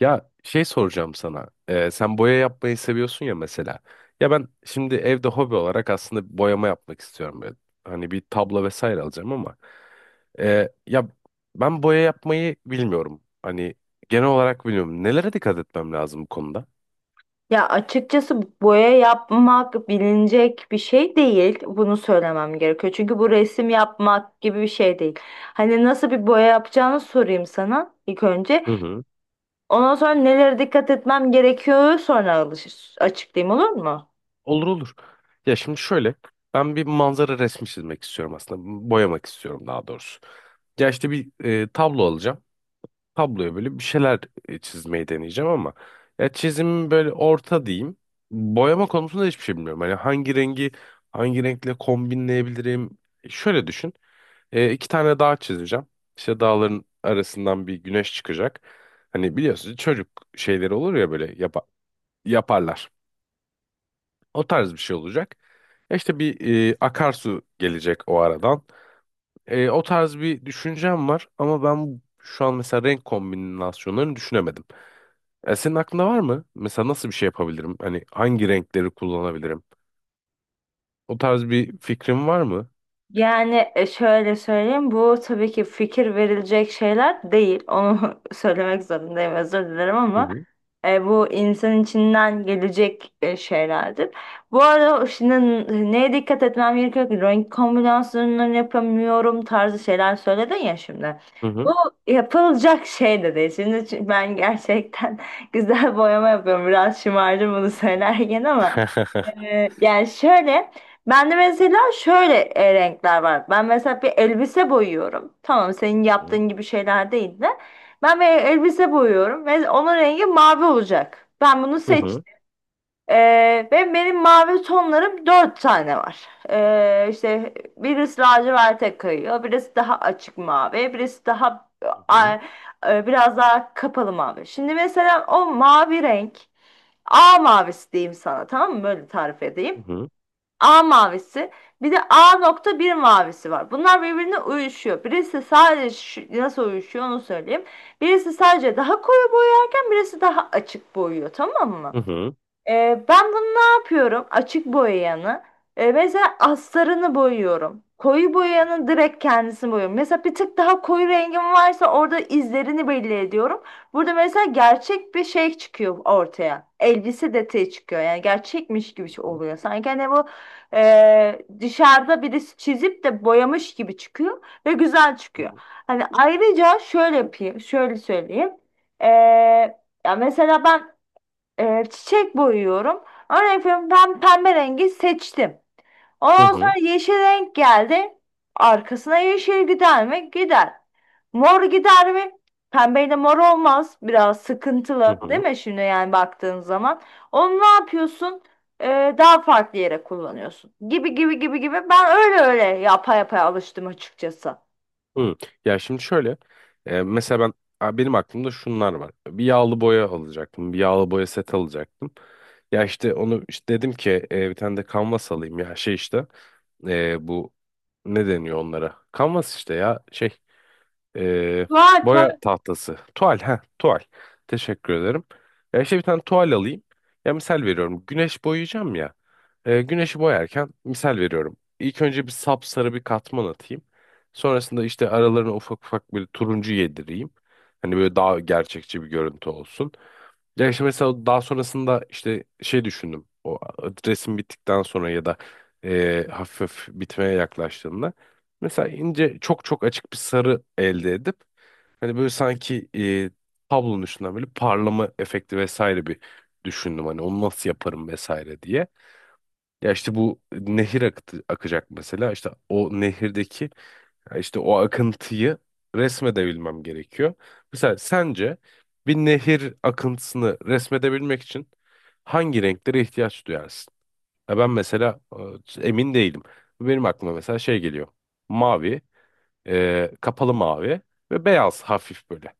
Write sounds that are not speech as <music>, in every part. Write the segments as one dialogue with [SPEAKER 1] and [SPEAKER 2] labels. [SPEAKER 1] Ya şey soracağım sana. Sen boya yapmayı seviyorsun ya mesela. Ya ben şimdi evde hobi olarak aslında boyama yapmak istiyorum. Böyle. Hani bir tablo vesaire alacağım ama. Ee, ya ben boya yapmayı bilmiyorum. Hani genel olarak bilmiyorum. Nelere dikkat etmem lazım bu konuda?
[SPEAKER 2] Ya açıkçası boya yapmak bilinecek bir şey değil. Bunu söylemem gerekiyor. Çünkü bu resim yapmak gibi bir şey değil. Hani nasıl bir boya yapacağını sorayım sana ilk önce.
[SPEAKER 1] Hı hı.
[SPEAKER 2] Ondan sonra nelere dikkat etmem gerekiyor sonra açıklayayım olur mu?
[SPEAKER 1] Olur olur. Ya şimdi şöyle. Ben bir manzara resmi çizmek istiyorum aslında. Boyamak istiyorum daha doğrusu. Ya işte bir tablo alacağım. Tabloya böyle bir şeyler çizmeyi deneyeceğim ama ya çizim böyle orta diyeyim. Boyama konusunda hiçbir şey bilmiyorum. Hani hangi rengi hangi renkle kombinleyebilirim? Şöyle düşün. İki tane dağ çizeceğim. İşte dağların arasından bir güneş çıkacak. Hani biliyorsunuz çocuk şeyleri olur ya böyle yaparlar. O tarz bir şey olacak. Ya İşte bir akarsu gelecek o aradan. O tarz bir düşüncem var ama ben şu an mesela renk kombinasyonlarını düşünemedim. Senin aklında var mı? Mesela nasıl bir şey yapabilirim? Hani hangi renkleri kullanabilirim? O tarz bir fikrin var mı?
[SPEAKER 2] Yani şöyle söyleyeyim bu tabii ki fikir verilecek şeyler değil. Onu <laughs> söylemek zorundayım özür dilerim
[SPEAKER 1] Hı
[SPEAKER 2] ama
[SPEAKER 1] hı.
[SPEAKER 2] bu insan içinden gelecek şeylerdir. Bu arada şimdi neye dikkat etmem gerekiyor ki? Renk kombinasyonlarını yapamıyorum tarzı şeyler söyledin ya şimdi.
[SPEAKER 1] Hı
[SPEAKER 2] Bu
[SPEAKER 1] hı.
[SPEAKER 2] yapılacak şey de değil. Şimdi çünkü ben gerçekten <laughs> güzel boyama yapıyorum. Biraz şımardım bunu
[SPEAKER 1] Hı
[SPEAKER 2] söylerken ama
[SPEAKER 1] hı. <laughs>
[SPEAKER 2] yani şöyle, ben de mesela şöyle renkler var. Ben mesela bir elbise boyuyorum. Tamam, senin
[SPEAKER 1] Hı hı.
[SPEAKER 2] yaptığın gibi şeyler değil de. Ben bir elbise boyuyorum ve onun rengi mavi olacak. Ben bunu
[SPEAKER 1] Hı
[SPEAKER 2] seçtim.
[SPEAKER 1] hı.
[SPEAKER 2] Ve benim mavi tonlarım dört tane var. İşte birisi laciverte kayıyor, birisi daha açık mavi, birisi daha
[SPEAKER 1] Hı hı.
[SPEAKER 2] a- biraz daha kapalı mavi. Şimdi mesela o mavi renk, A mavisi diyeyim sana, tamam mı? Böyle tarif
[SPEAKER 1] Hı
[SPEAKER 2] edeyim.
[SPEAKER 1] hı.
[SPEAKER 2] A mavisi bir de A nokta bir mavisi var. Bunlar birbirine uyuşuyor. Birisi sadece nasıl uyuşuyor onu söyleyeyim. Birisi sadece daha koyu boyarken birisi daha açık boyuyor tamam mı?
[SPEAKER 1] Hı hı.
[SPEAKER 2] Ben bunu ne yapıyorum? Açık boyayanı. Mesela astarını boyuyorum. Koyu boyayanı direkt kendisini boyuyorum. Mesela bir tık daha koyu rengim varsa orada izlerini belli ediyorum. Burada mesela gerçek bir şey çıkıyor ortaya. Elbise detayı çıkıyor. Yani gerçekmiş gibi
[SPEAKER 1] Hı
[SPEAKER 2] şey
[SPEAKER 1] hı.
[SPEAKER 2] oluyor. Sanki hani bu dışarıda birisi çizip de boyamış gibi çıkıyor ve güzel
[SPEAKER 1] Hı
[SPEAKER 2] çıkıyor.
[SPEAKER 1] hı.
[SPEAKER 2] Hani ayrıca şöyle yapayım, şöyle söyleyeyim. Ee, Ya mesela ben çiçek boyuyorum. Örnek veriyorum ben pembe rengi seçtim.
[SPEAKER 1] Hı
[SPEAKER 2] Ondan sonra
[SPEAKER 1] hı.
[SPEAKER 2] yeşil renk geldi. Arkasına yeşil gider mi? Gider. Mor gider mi? Pembeyle mor olmaz. Biraz
[SPEAKER 1] Hı
[SPEAKER 2] sıkıntılı değil
[SPEAKER 1] hı.
[SPEAKER 2] mi şimdi yani baktığın zaman. Onu ne yapıyorsun? Daha farklı yere kullanıyorsun. Gibi gibi gibi gibi. Ben öyle öyle yapa yapa alıştım açıkçası.
[SPEAKER 1] Hı. Ya şimdi şöyle mesela benim aklımda şunlar var. Bir yağlı boya alacaktım. Bir yağlı boya set alacaktım. Ya işte onu işte dedim ki bir tane de kanvas alayım ya şey işte bu ne deniyor onlara? Kanvas işte ya şey ee,
[SPEAKER 2] Tuval,
[SPEAKER 1] boya
[SPEAKER 2] tuval.
[SPEAKER 1] tahtası. Tuval. Ha, tuval. Teşekkür ederim. Ya işte bir tane tuval alayım. Ya misal veriyorum. Güneş boyayacağım ya. Güneşi boyarken misal veriyorum. İlk önce bir sapsarı bir katman atayım. Sonrasında işte aralarına ufak ufak bir turuncu yedireyim. Hani böyle daha gerçekçi bir görüntü olsun. Ya işte mesela daha sonrasında işte şey düşündüm. O resim bittikten sonra ya da hafif hafif bitmeye yaklaştığında. Mesela ince çok çok açık bir sarı elde edip hani böyle sanki tablonun üstünden böyle parlama efekti vesaire bir düşündüm. Hani onu nasıl yaparım vesaire diye. Ya işte bu akacak mesela işte o nehirdeki ya İşte o akıntıyı resmedebilmem gerekiyor. Mesela sence bir nehir akıntısını resmedebilmek için hangi renklere ihtiyaç duyarsın? Ya ben mesela emin değilim. Benim aklıma mesela şey geliyor. Mavi, kapalı mavi ve beyaz hafif böyle.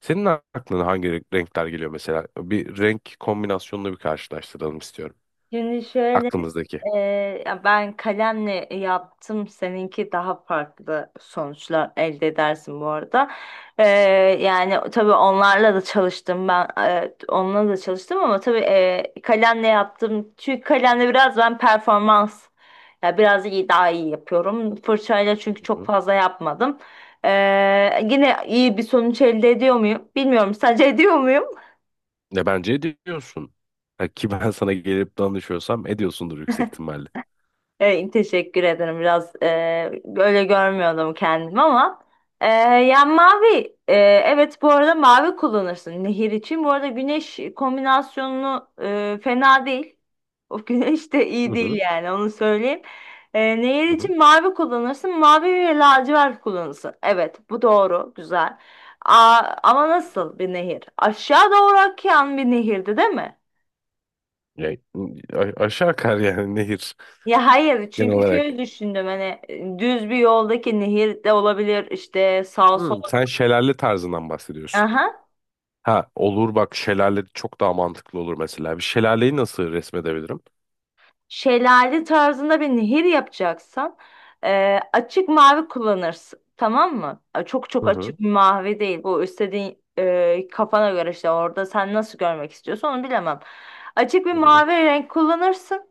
[SPEAKER 1] Senin aklına hangi renkler geliyor mesela? Bir renk kombinasyonunu bir karşılaştıralım istiyorum.
[SPEAKER 2] Şimdi şöyle
[SPEAKER 1] Aklımızdaki.
[SPEAKER 2] e, ya ben kalemle yaptım. Seninki daha farklı sonuçlar elde edersin bu arada. E, yani tabii onlarla da çalıştım ben. Onunla da çalıştım ama tabii kalemle yaptım. Çünkü kalemle biraz ben performans ya biraz iyi daha iyi yapıyorum. Fırçayla çünkü çok fazla yapmadım. E, yine iyi bir sonuç elde ediyor muyum? Bilmiyorum. Sadece <laughs> ediyor muyum?
[SPEAKER 1] Ne, bence ediyorsun. Ha, ki ben sana gelip danışıyorsam ediyorsundur yüksek ihtimalle.
[SPEAKER 2] Evet, teşekkür ederim. Biraz böyle görmüyordum kendimi ama e, ya mavi evet bu arada mavi kullanırsın nehir için. Bu arada güneş kombinasyonunu fena değil. O <laughs> güneş de
[SPEAKER 1] Hı
[SPEAKER 2] iyi değil
[SPEAKER 1] hı.
[SPEAKER 2] yani onu söyleyeyim. Nehir
[SPEAKER 1] Hı hı.
[SPEAKER 2] için mavi kullanırsın. Mavi ve lacivert kullanırsın. Evet bu doğru güzel. Aa, ama nasıl bir nehir? Aşağı doğru akan bir nehirdi değil mi?
[SPEAKER 1] Ya, aşağı akar yani nehir
[SPEAKER 2] Ya hayır
[SPEAKER 1] genel
[SPEAKER 2] çünkü
[SPEAKER 1] olarak.
[SPEAKER 2] şöyle düşündüm hani düz bir yoldaki nehir de olabilir işte sağa
[SPEAKER 1] Hı,
[SPEAKER 2] sola.
[SPEAKER 1] sen şelale tarzından bahsediyorsun.
[SPEAKER 2] Aha.
[SPEAKER 1] Ha, olur bak, şelale çok daha mantıklı olur mesela. Bir şelaleyi nasıl resmedebilirim?
[SPEAKER 2] Şelale tarzında bir nehir yapacaksan açık mavi kullanırsın. Tamam mı? Çok
[SPEAKER 1] Hı
[SPEAKER 2] çok açık
[SPEAKER 1] hı.
[SPEAKER 2] bir mavi değil. Bu istediğin kafana göre işte orada sen nasıl görmek istiyorsan onu bilemem. Açık bir
[SPEAKER 1] Hı hı.
[SPEAKER 2] mavi renk kullanırsın.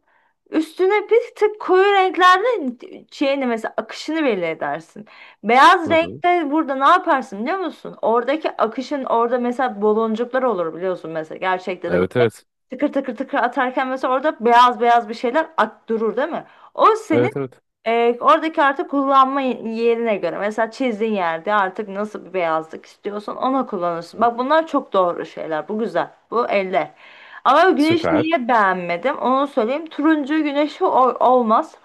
[SPEAKER 2] Üstüne bir tık koyu renklerle şeyini mesela akışını belli edersin. Beyaz
[SPEAKER 1] Hı hı.
[SPEAKER 2] renkte burada ne yaparsın biliyor musun? Oradaki akışın orada mesela baloncuklar olur biliyorsun mesela. Gerçekte de
[SPEAKER 1] Evet,
[SPEAKER 2] böyle
[SPEAKER 1] evet.
[SPEAKER 2] tıkır tıkır tıkır atarken mesela orada beyaz beyaz bir şeyler ak durur değil mi? O senin
[SPEAKER 1] Evet, evet.
[SPEAKER 2] oradaki artık kullanma yerine göre. Mesela çizdiğin yerde artık nasıl bir beyazlık istiyorsan ona
[SPEAKER 1] Hı
[SPEAKER 2] kullanırsın.
[SPEAKER 1] hı.
[SPEAKER 2] Bak bunlar çok doğru şeyler. Bu güzel. Bu eller. Ama güneşi
[SPEAKER 1] Süper.
[SPEAKER 2] niye beğenmedim? Onu söyleyeyim. Turuncu güneşi olmaz.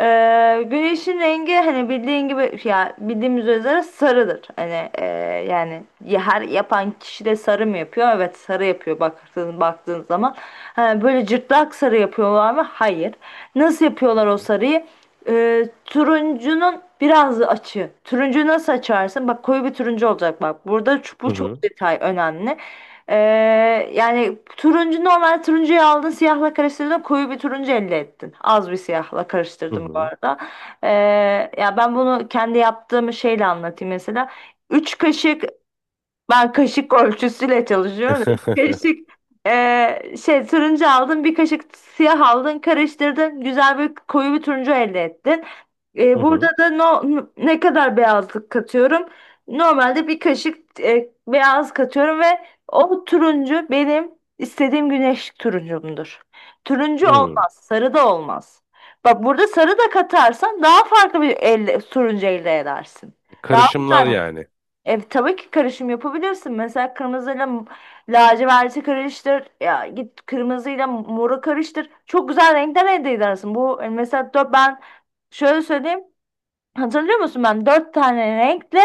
[SPEAKER 2] E, güneşin rengi hani bildiğin gibi ya bildiğimiz üzere sarıdır. Hani yani her yapan kişi de sarı mı yapıyor? Evet sarı yapıyor baktığın zaman. Ha, böyle cırtlak sarı yapıyorlar mı? Hayır. Nasıl yapıyorlar
[SPEAKER 1] Hı
[SPEAKER 2] o
[SPEAKER 1] hı.
[SPEAKER 2] sarıyı? Turuncunun biraz açı. Turuncuyu nasıl açarsın? Bak koyu bir turuncu olacak bak. Burada bu
[SPEAKER 1] Hı
[SPEAKER 2] çok
[SPEAKER 1] hı.
[SPEAKER 2] detay önemli. Ee, yani turuncu normal turuncuyu aldın siyahla karıştırdın koyu bir turuncu elde ettin. Az bir siyahla
[SPEAKER 1] Hı
[SPEAKER 2] karıştırdım bu
[SPEAKER 1] hı.
[SPEAKER 2] arada. Ee, ya ben bunu kendi yaptığım şeyle anlatayım mesela. 3 kaşık ben kaşık ölçüsüyle çalışıyorum. Üç
[SPEAKER 1] <laughs>
[SPEAKER 2] kaşık şey turuncu aldın, bir kaşık siyah aldın, karıştırdın. Güzel bir koyu bir turuncu elde ettin.
[SPEAKER 1] Hı
[SPEAKER 2] Burada
[SPEAKER 1] hı.
[SPEAKER 2] da no, ne kadar beyazlık katıyorum? Normalde bir kaşık beyaz katıyorum ve o turuncu benim istediğim güneş turuncumdur. Turuncu
[SPEAKER 1] Hı.
[SPEAKER 2] olmaz, sarı da olmaz. Bak burada sarı da katarsan daha farklı bir elde, turuncu elde edersin. Daha
[SPEAKER 1] Karışımlar
[SPEAKER 2] güzel
[SPEAKER 1] yani.
[SPEAKER 2] tabii ki karışım yapabilirsin. Mesela kırmızıyla laciverti karıştır. Ya git kırmızıyla moru karıştır. Çok güzel renkler elde edersin. Bu mesela dört, ben şöyle söyleyeyim. Hatırlıyor musun? Ben dört tane renkle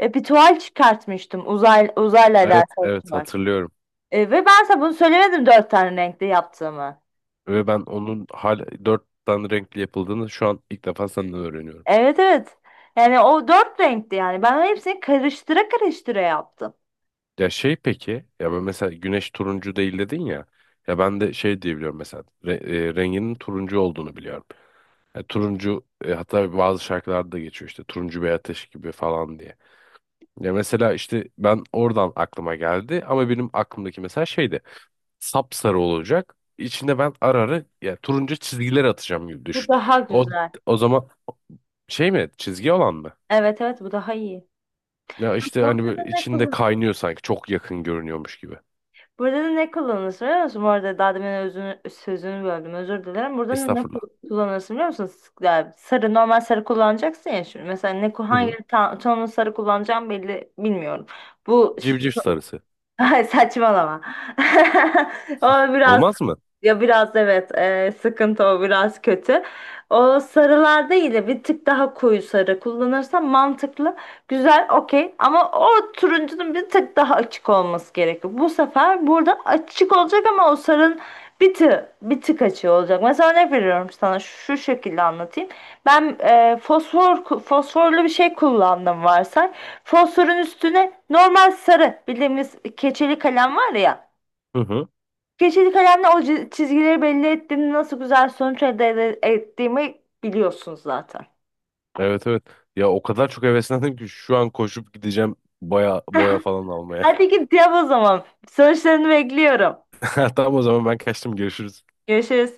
[SPEAKER 2] bir tuval çıkartmıştım. Uzayla
[SPEAKER 1] Evet,
[SPEAKER 2] alakalı
[SPEAKER 1] evet,
[SPEAKER 2] tuval.
[SPEAKER 1] hatırlıyorum.
[SPEAKER 2] Ve ben sana bunu söylemedim dört tane renkle yaptığımı.
[SPEAKER 1] Ve ben onun hala dört tane renkli yapıldığını şu an ilk defa senden öğreniyorum.
[SPEAKER 2] Evet, evet. Yani o dört renkti yani. Ben hepsini karıştıra karıştıra yaptım.
[SPEAKER 1] Ya şey peki, ya ben mesela güneş turuncu değil dedin ya. Ya ben de şey diyebiliyorum mesela renginin turuncu olduğunu biliyorum. Ya turuncu hatta bazı şarkılarda da geçiyor işte turuncu bir ateş gibi falan diye. Ya mesela işte ben oradan aklıma geldi ama benim aklımdaki mesela şeydi. Sapsarı olacak. İçinde ben ara ara ya turuncu çizgiler atacağım gibi
[SPEAKER 2] Bu
[SPEAKER 1] düşün.
[SPEAKER 2] daha
[SPEAKER 1] O
[SPEAKER 2] güzel.
[SPEAKER 1] o zaman şey mi, çizgi olan mı?
[SPEAKER 2] Evet, evet, bu daha iyi.
[SPEAKER 1] Ya işte hani
[SPEAKER 2] Burada da
[SPEAKER 1] böyle
[SPEAKER 2] ne
[SPEAKER 1] içinde
[SPEAKER 2] kullan
[SPEAKER 1] kaynıyor sanki. Çok yakın görünüyormuş gibi.
[SPEAKER 2] Burada da ne kullanırsın biliyor musun? Bu arada daha demin özünü, sözünü böldüm özür dilerim. Burada da ne
[SPEAKER 1] Estağfurullah.
[SPEAKER 2] kullanırsın biliyor musun? Yani sarı normal sarı kullanacaksın ya şimdi. Mesela
[SPEAKER 1] Hı
[SPEAKER 2] hangi
[SPEAKER 1] hı.
[SPEAKER 2] tonun sarı kullanacağım belli bilmiyorum. Bu
[SPEAKER 1] Civciv sarısı.
[SPEAKER 2] Ay, saçmalama. <laughs> O biraz
[SPEAKER 1] Olmaz mı?
[SPEAKER 2] ya biraz evet sıkıntı o biraz kötü. O sarılar değil de bir tık daha koyu sarı kullanırsan mantıklı, güzel, okey. Ama o turuncunun bir tık daha açık olması gerekiyor. Bu sefer burada açık olacak ama o sarının bir tık bir tık açığı olacak. Mesela örnek veriyorum sana şu şekilde anlatayım. Ben fosforlu bir şey kullandım varsa. Fosforun üstüne normal sarı bildiğimiz keçeli kalem var ya.
[SPEAKER 1] Hı hı.
[SPEAKER 2] Keçeli kalemle o çizgileri belli ettiğimde nasıl güzel sonuç elde ettiğimi biliyorsunuz zaten.
[SPEAKER 1] Evet, evet. Ya o kadar çok heveslendim ki şu an koşup gideceğim boya boya falan almaya.
[SPEAKER 2] Hadi git yap o zaman. Sonuçlarını bekliyorum.
[SPEAKER 1] <laughs> Tamam, o zaman ben kaçtım. Görüşürüz.
[SPEAKER 2] Görüşürüz.